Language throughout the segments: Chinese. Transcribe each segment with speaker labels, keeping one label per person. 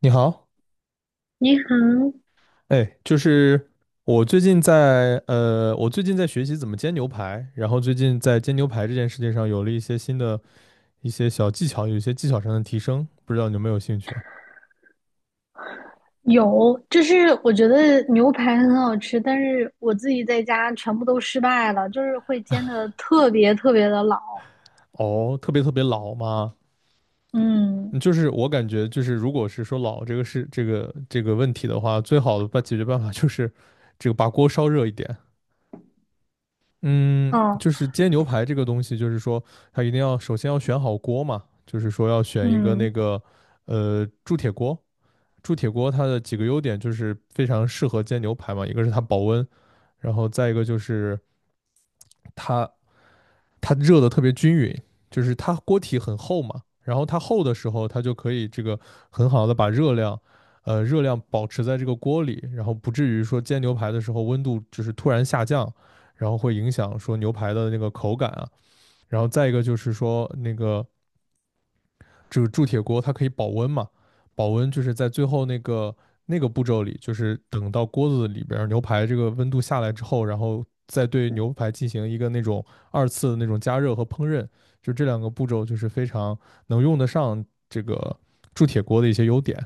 Speaker 1: 你好。
Speaker 2: 你好，
Speaker 1: 哎，就是我最近在我最近在学习怎么煎牛排，然后最近在煎牛排这件事情上有了一些新的一些小技巧，有一些技巧上的提升，不知道你有没有兴趣啊？
Speaker 2: 有，就是我觉得牛排很好吃，但是我自己在家全部都失败了，就是会煎的特别特别的老。
Speaker 1: 哦，特别特别老吗？嗯。
Speaker 2: 嗯，
Speaker 1: 就是我感觉就是，如果是说老这个是这个问题的话，最好的办解决办法就是这个把锅烧热一点。嗯，
Speaker 2: 哦，
Speaker 1: 就是煎牛排这个东西，就是说它一定要首先要选好锅嘛，就是说要选一个
Speaker 2: 嗯，
Speaker 1: 那个铸铁锅。铸铁锅它的几个优点就是非常适合煎牛排嘛，一个是它保温，然后再一个就是它热的特别均匀，就是它锅体很厚嘛，然后它厚的时候，它就可以这个很好的把热量，热量保持在这个锅里，然后不至于说煎牛排的时候温度就是突然下降，然后会影响说牛排的那个口感啊。然后再一个就是说那个这个铸铁锅它可以保温嘛，保温就是在最后那个那个步骤里，就是等到锅子里边牛排这个温度下来之后，然后再对牛排进行一个那种二次的那种加热和烹饪，就这两个步骤就是非常能用得上这个铸铁锅的一些优点。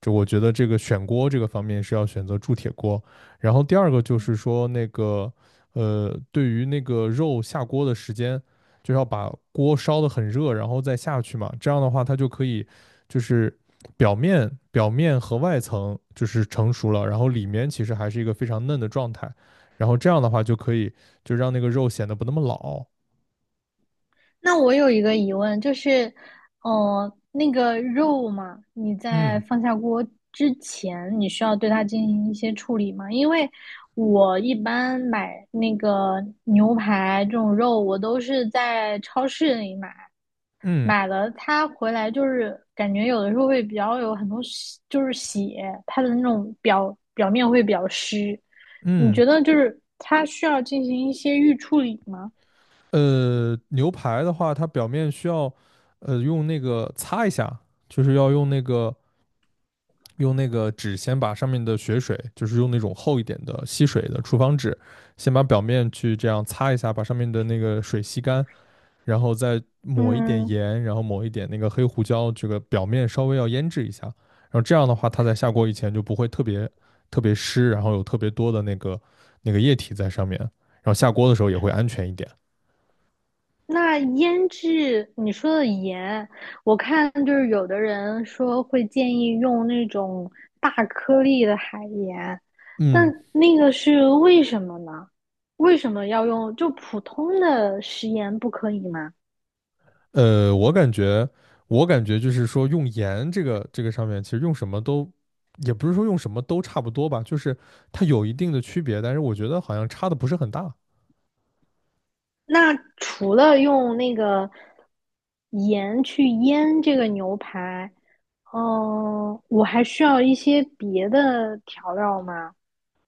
Speaker 1: 就我觉得这个选锅这个方面是要选择铸铁锅，然后第二个就是
Speaker 2: 嗯，
Speaker 1: 说那个对于那个肉下锅的时间，就要把锅烧得很热，然后再下去嘛，这样的话它就可以就是表面和外层就是成熟了，然后里面其实还是一个非常嫩的状态，然后这样的话就可以就让那个肉显得不那么老。
Speaker 2: 那我有一个疑问，就是，哦，那个肉嘛，你在
Speaker 1: 嗯，
Speaker 2: 放下锅之前，你需要对它进行一些处理吗？因为我一般买那个牛排这种肉，我都是在超市里买。
Speaker 1: 嗯，
Speaker 2: 买了它回来，就是感觉有的时候会比较有很多就是血，它的那种表面会比较湿。你
Speaker 1: 嗯。
Speaker 2: 觉得就是它需要进行一些预处理吗？
Speaker 1: 牛排的话，它表面需要用那个擦一下，就是要用那个纸先把上面的血水，就是用那种厚一点的吸水的厨房纸，先把表面去这样擦一下，把上面的那个水吸干，然后再抹一点
Speaker 2: 嗯，
Speaker 1: 盐，然后抹一点那个黑胡椒，这个表面稍微要腌制一下，然后这样的话，它在下锅以前就不会特别特别湿，然后有特别多的那个液体在上面，然后下锅的时候也会安全一点。
Speaker 2: 那腌制你说的盐，我看就是有的人说会建议用那种大颗粒的海盐，但
Speaker 1: 嗯。
Speaker 2: 那个是为什么呢？为什么要用就普通的食盐不可以吗？
Speaker 1: 我感觉，就是说，用盐这个这个上面，其实用什么都，也不是说用什么都差不多吧，就是它有一定的区别，但是我觉得好像差的不是很大。
Speaker 2: 那除了用那个盐去腌这个牛排，嗯、我还需要一些别的调料吗？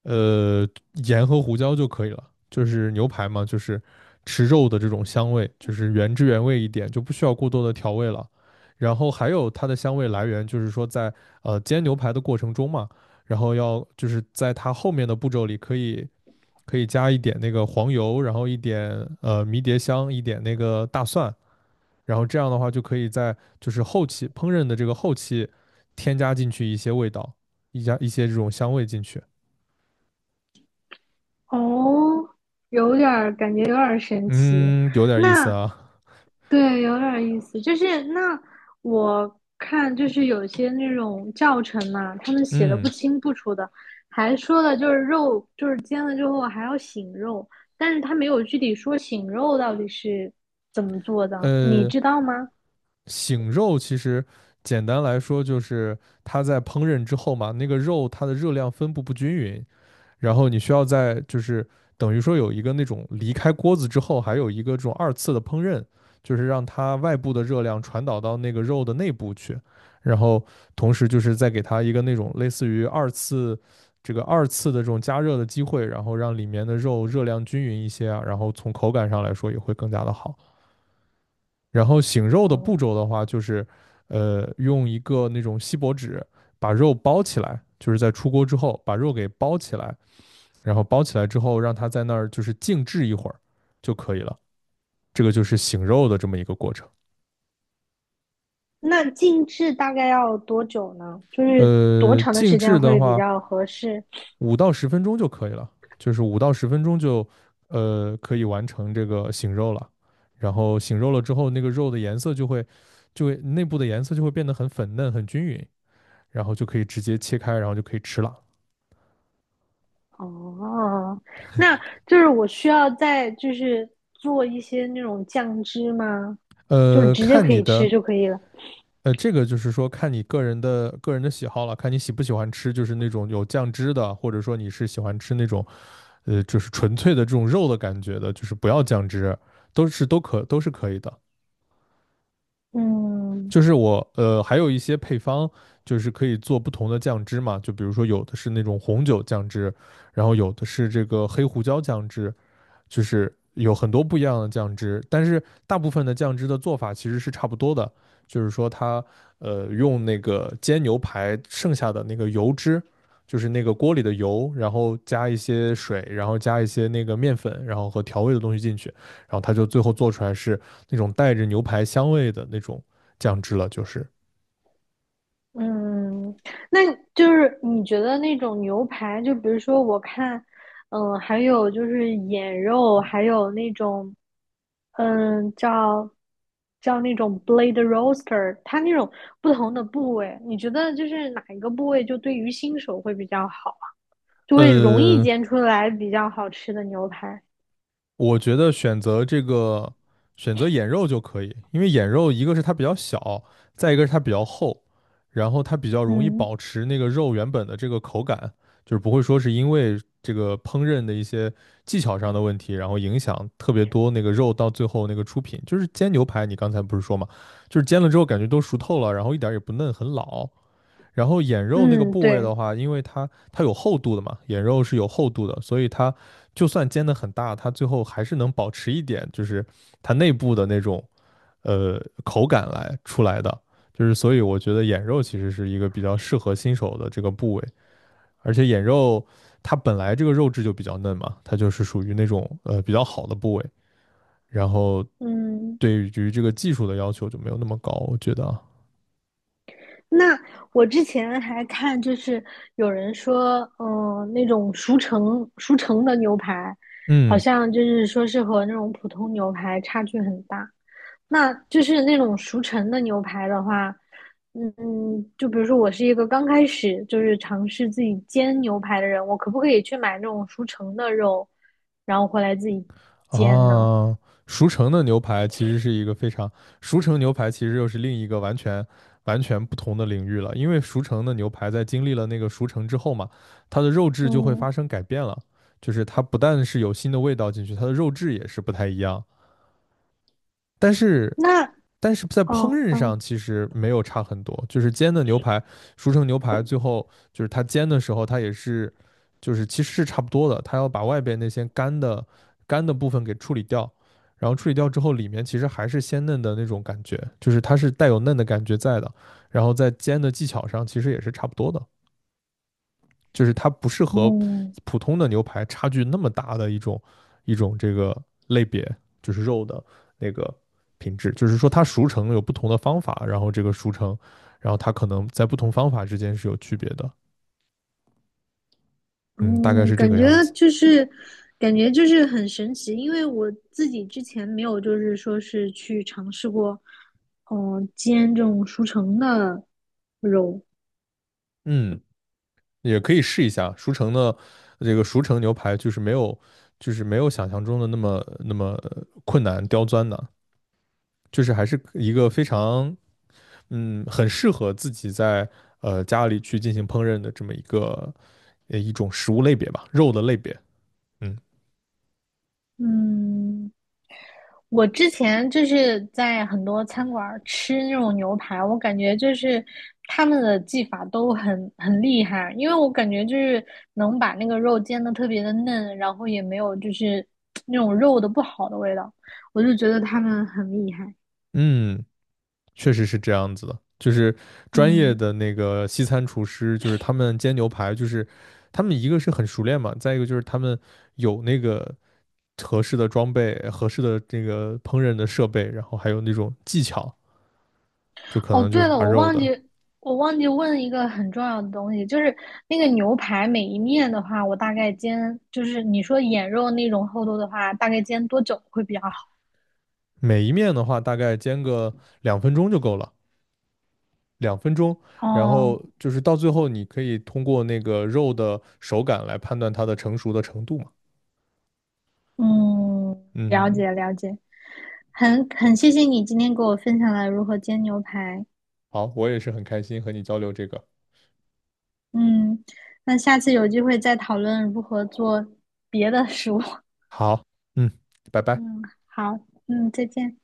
Speaker 1: 呃，盐和胡椒就可以了，就是牛排嘛，就是吃肉的这种香味，就是原汁原味一点，就不需要过多的调味了。然后还有它的香味来源，就是说在煎牛排的过程中嘛，然后要就是在它后面的步骤里可以。可以加一点那个黄油，然后一点迷迭香，一点那个大蒜，然后这样的话就可以在就是后期烹饪的这个后期添加进去一些味道，一加一些这种香味进去。
Speaker 2: 哦，有点儿感觉有点儿神奇。
Speaker 1: 嗯，有点意思
Speaker 2: 那
Speaker 1: 啊。
Speaker 2: 对，有点儿意思。就是那我看，就是有些那种教程嘛，他们写的不
Speaker 1: 嗯。
Speaker 2: 清不楚的，还说了就是肉，就是煎了之后还要醒肉，但是他没有具体说醒肉到底是怎么做的，你
Speaker 1: 呃，
Speaker 2: 知道吗？
Speaker 1: 醒肉其实简单来说就是它在烹饪之后嘛，那个肉它的热量分布不均匀，然后你需要在就是等于说有一个那种离开锅子之后，还有一个这种二次的烹饪，就是让它外部的热量传导到那个肉的内部去，然后同时就是再给它一个那种类似于二次的这种加热的机会，然后让里面的肉热量均匀一些啊，然后从口感上来说也会更加的好。然后醒肉的步
Speaker 2: 哦，
Speaker 1: 骤的话，就是用一个那种锡箔纸把肉包起来，就是在出锅之后把肉给包起来。然后包起来之后，让它在那儿就是静置一会儿就可以了。这个就是醒肉的这么一个过程。
Speaker 2: 那静置大概要多久呢？就是多长的
Speaker 1: 静
Speaker 2: 时
Speaker 1: 置
Speaker 2: 间
Speaker 1: 的
Speaker 2: 会比
Speaker 1: 话，
Speaker 2: 较合适？
Speaker 1: 五到十分钟就可以了，就是五到十分钟就可以完成这个醒肉了。然后醒肉了之后，那个肉的颜色就会内部的颜色就会变得很粉嫩、很均匀，然后就可以直接切开，然后就可以吃了。
Speaker 2: 哦，那就是我需要再就是做一些那种酱汁吗？就是直接
Speaker 1: 看
Speaker 2: 可
Speaker 1: 你
Speaker 2: 以吃
Speaker 1: 的
Speaker 2: 就可以了。
Speaker 1: 这个就是说看你个人的喜好了，看你喜不喜欢吃，就是那种有酱汁的，或者说你是喜欢吃那种就是纯粹的这种肉的感觉的，就是不要酱汁，都是可以的。
Speaker 2: 嗯
Speaker 1: 就是我还有一些配方，就是可以做不同的酱汁嘛，就比如说有的是那种红酒酱汁，然后有的是这个黑胡椒酱汁，就是有很多不一样的酱汁，但是大部分的酱汁的做法其实是差不多的，就是说它用那个煎牛排剩下的那个油脂，就是那个锅里的油，然后加一些水，然后加一些那个面粉，然后和调味的东西进去，然后它就最后做出来是那种带着牛排香味的那种酱汁了，就是。
Speaker 2: 嗯，那就是你觉得那种牛排，就比如说我看，嗯，还有就是眼肉，还有那种，嗯，叫那种 blade roaster，它那种不同的部位，你觉得就是哪一个部位就对于新手会比较好？就会容易
Speaker 1: 嗯。
Speaker 2: 煎出来比较好吃的牛排。
Speaker 1: 我觉得选择这个眼肉就可以，因为眼肉一个是它比较小，再一个是它比较厚，然后它比较容易
Speaker 2: 嗯
Speaker 1: 保持那个肉原本的这个口感，就是不会说是因为这个烹饪的一些技巧上的问题，然后影响特别多那个肉到最后那个出品。就是煎牛排，你刚才不是说嘛，就是煎了之后感觉都熟透了，然后一点儿也不嫩，很老。然后眼肉那个
Speaker 2: 嗯，
Speaker 1: 部位
Speaker 2: 对，
Speaker 1: 的话，因为它有厚度的嘛，眼肉是有厚度的，所以它就算煎的很大，它最后还是能保持一点，就是它内部的那种口感来出来的。就是所以我觉得眼肉其实是一个比较适合新手的这个部位，而且眼肉它本来这个肉质就比较嫩嘛，它就是属于那种比较好的部位，然后
Speaker 2: 嗯，
Speaker 1: 对于这个技术的要求就没有那么高，我觉得啊。
Speaker 2: 那我之前还看，就是有人说，嗯、那种熟成的牛排，好
Speaker 1: 嗯。
Speaker 2: 像就是说是和那种普通牛排差距很大。那就是那种熟成的牛排的话，嗯嗯就比如说我是一个刚开始就是尝试自己煎牛排的人，我可不可以去买那种熟成的肉，然后回来自己煎呢？
Speaker 1: 啊，熟成的牛排其实是一个非常，熟成牛排其实又是另一个完全完全不同的领域了，因为熟成的牛排在经历了那个熟成之后嘛，它的肉质就会
Speaker 2: 嗯，
Speaker 1: 发生改变了，就是它不但是有新的味道进去，它的肉质也是不太一样。但是
Speaker 2: 那
Speaker 1: 在烹
Speaker 2: 哦
Speaker 1: 饪
Speaker 2: 哦
Speaker 1: 上其实没有差很多，就是煎的牛排，熟成牛排最后就是它煎的时候，它也是，就是其实是差不多的，它要把外边那些干的部分给处理掉，然后处理掉之后，里面其实还是鲜嫩的那种感觉，就是它是带有嫩的感觉在的，然后在煎的技巧上其实也是差不多的。就是它不是和
Speaker 2: 哦，
Speaker 1: 普通的牛排差距那么大的一种这个类别，就是肉的那个品质，就是说它熟成有不同的方法，然后这个熟成，然后它可能在不同方法之间是有区别的，嗯，大概
Speaker 2: 哦，
Speaker 1: 是这
Speaker 2: 感
Speaker 1: 个
Speaker 2: 觉
Speaker 1: 样子。
Speaker 2: 就是，感觉就是很神奇，因为我自己之前没有，就是说是去尝试过，嗯、煎这种熟成的肉，
Speaker 1: 嗯，也可以试一下熟成的这个熟成牛排，就是没有想象中的那么那么困难刁钻的，就是还是一个非常嗯，很适合自己在家里去进行烹饪的这么一个一种食物类别吧，肉的类别。嗯。
Speaker 2: 嗯，我之前就是在很多餐馆儿吃那种牛排，我感觉就是他们的技法都很厉害，因为我感觉就是能把那个肉煎的特别的嫩，然后也没有就是 那种肉的不好的味道，我就觉得他们很厉害。
Speaker 1: 嗯，确实是这样子的，就是专业
Speaker 2: 嗯，
Speaker 1: 的那个西餐厨师，就是他们煎牛排，就是他们一个是很熟练嘛，再一个就是他们有那个合适的装备、合适的这个烹饪的设备，然后还有那种技巧，就可
Speaker 2: 哦，
Speaker 1: 能就是
Speaker 2: 对了，
Speaker 1: 把
Speaker 2: 我
Speaker 1: 肉
Speaker 2: 忘记
Speaker 1: 的
Speaker 2: 我忘记问一个很重要的东西，就是那个牛排每一面的话，我大概煎，就是你说眼肉那种厚度的话，大概煎多久会比较好？
Speaker 1: 每一面的话，大概煎个两分钟就够了。两分钟，然
Speaker 2: 哦。
Speaker 1: 后就是到最后，你可以通过那个肉的手感来判断它的成熟的程度嘛。
Speaker 2: 嗯，了
Speaker 1: 嗯，
Speaker 2: 解了解，很谢谢你今天给我分享了如何煎牛排。
Speaker 1: 好，我也是很开心和你交流这个。
Speaker 2: 嗯，那下次有机会再讨论如何做别的食物。
Speaker 1: 好，嗯，拜 拜。
Speaker 2: 嗯，好，嗯，再见。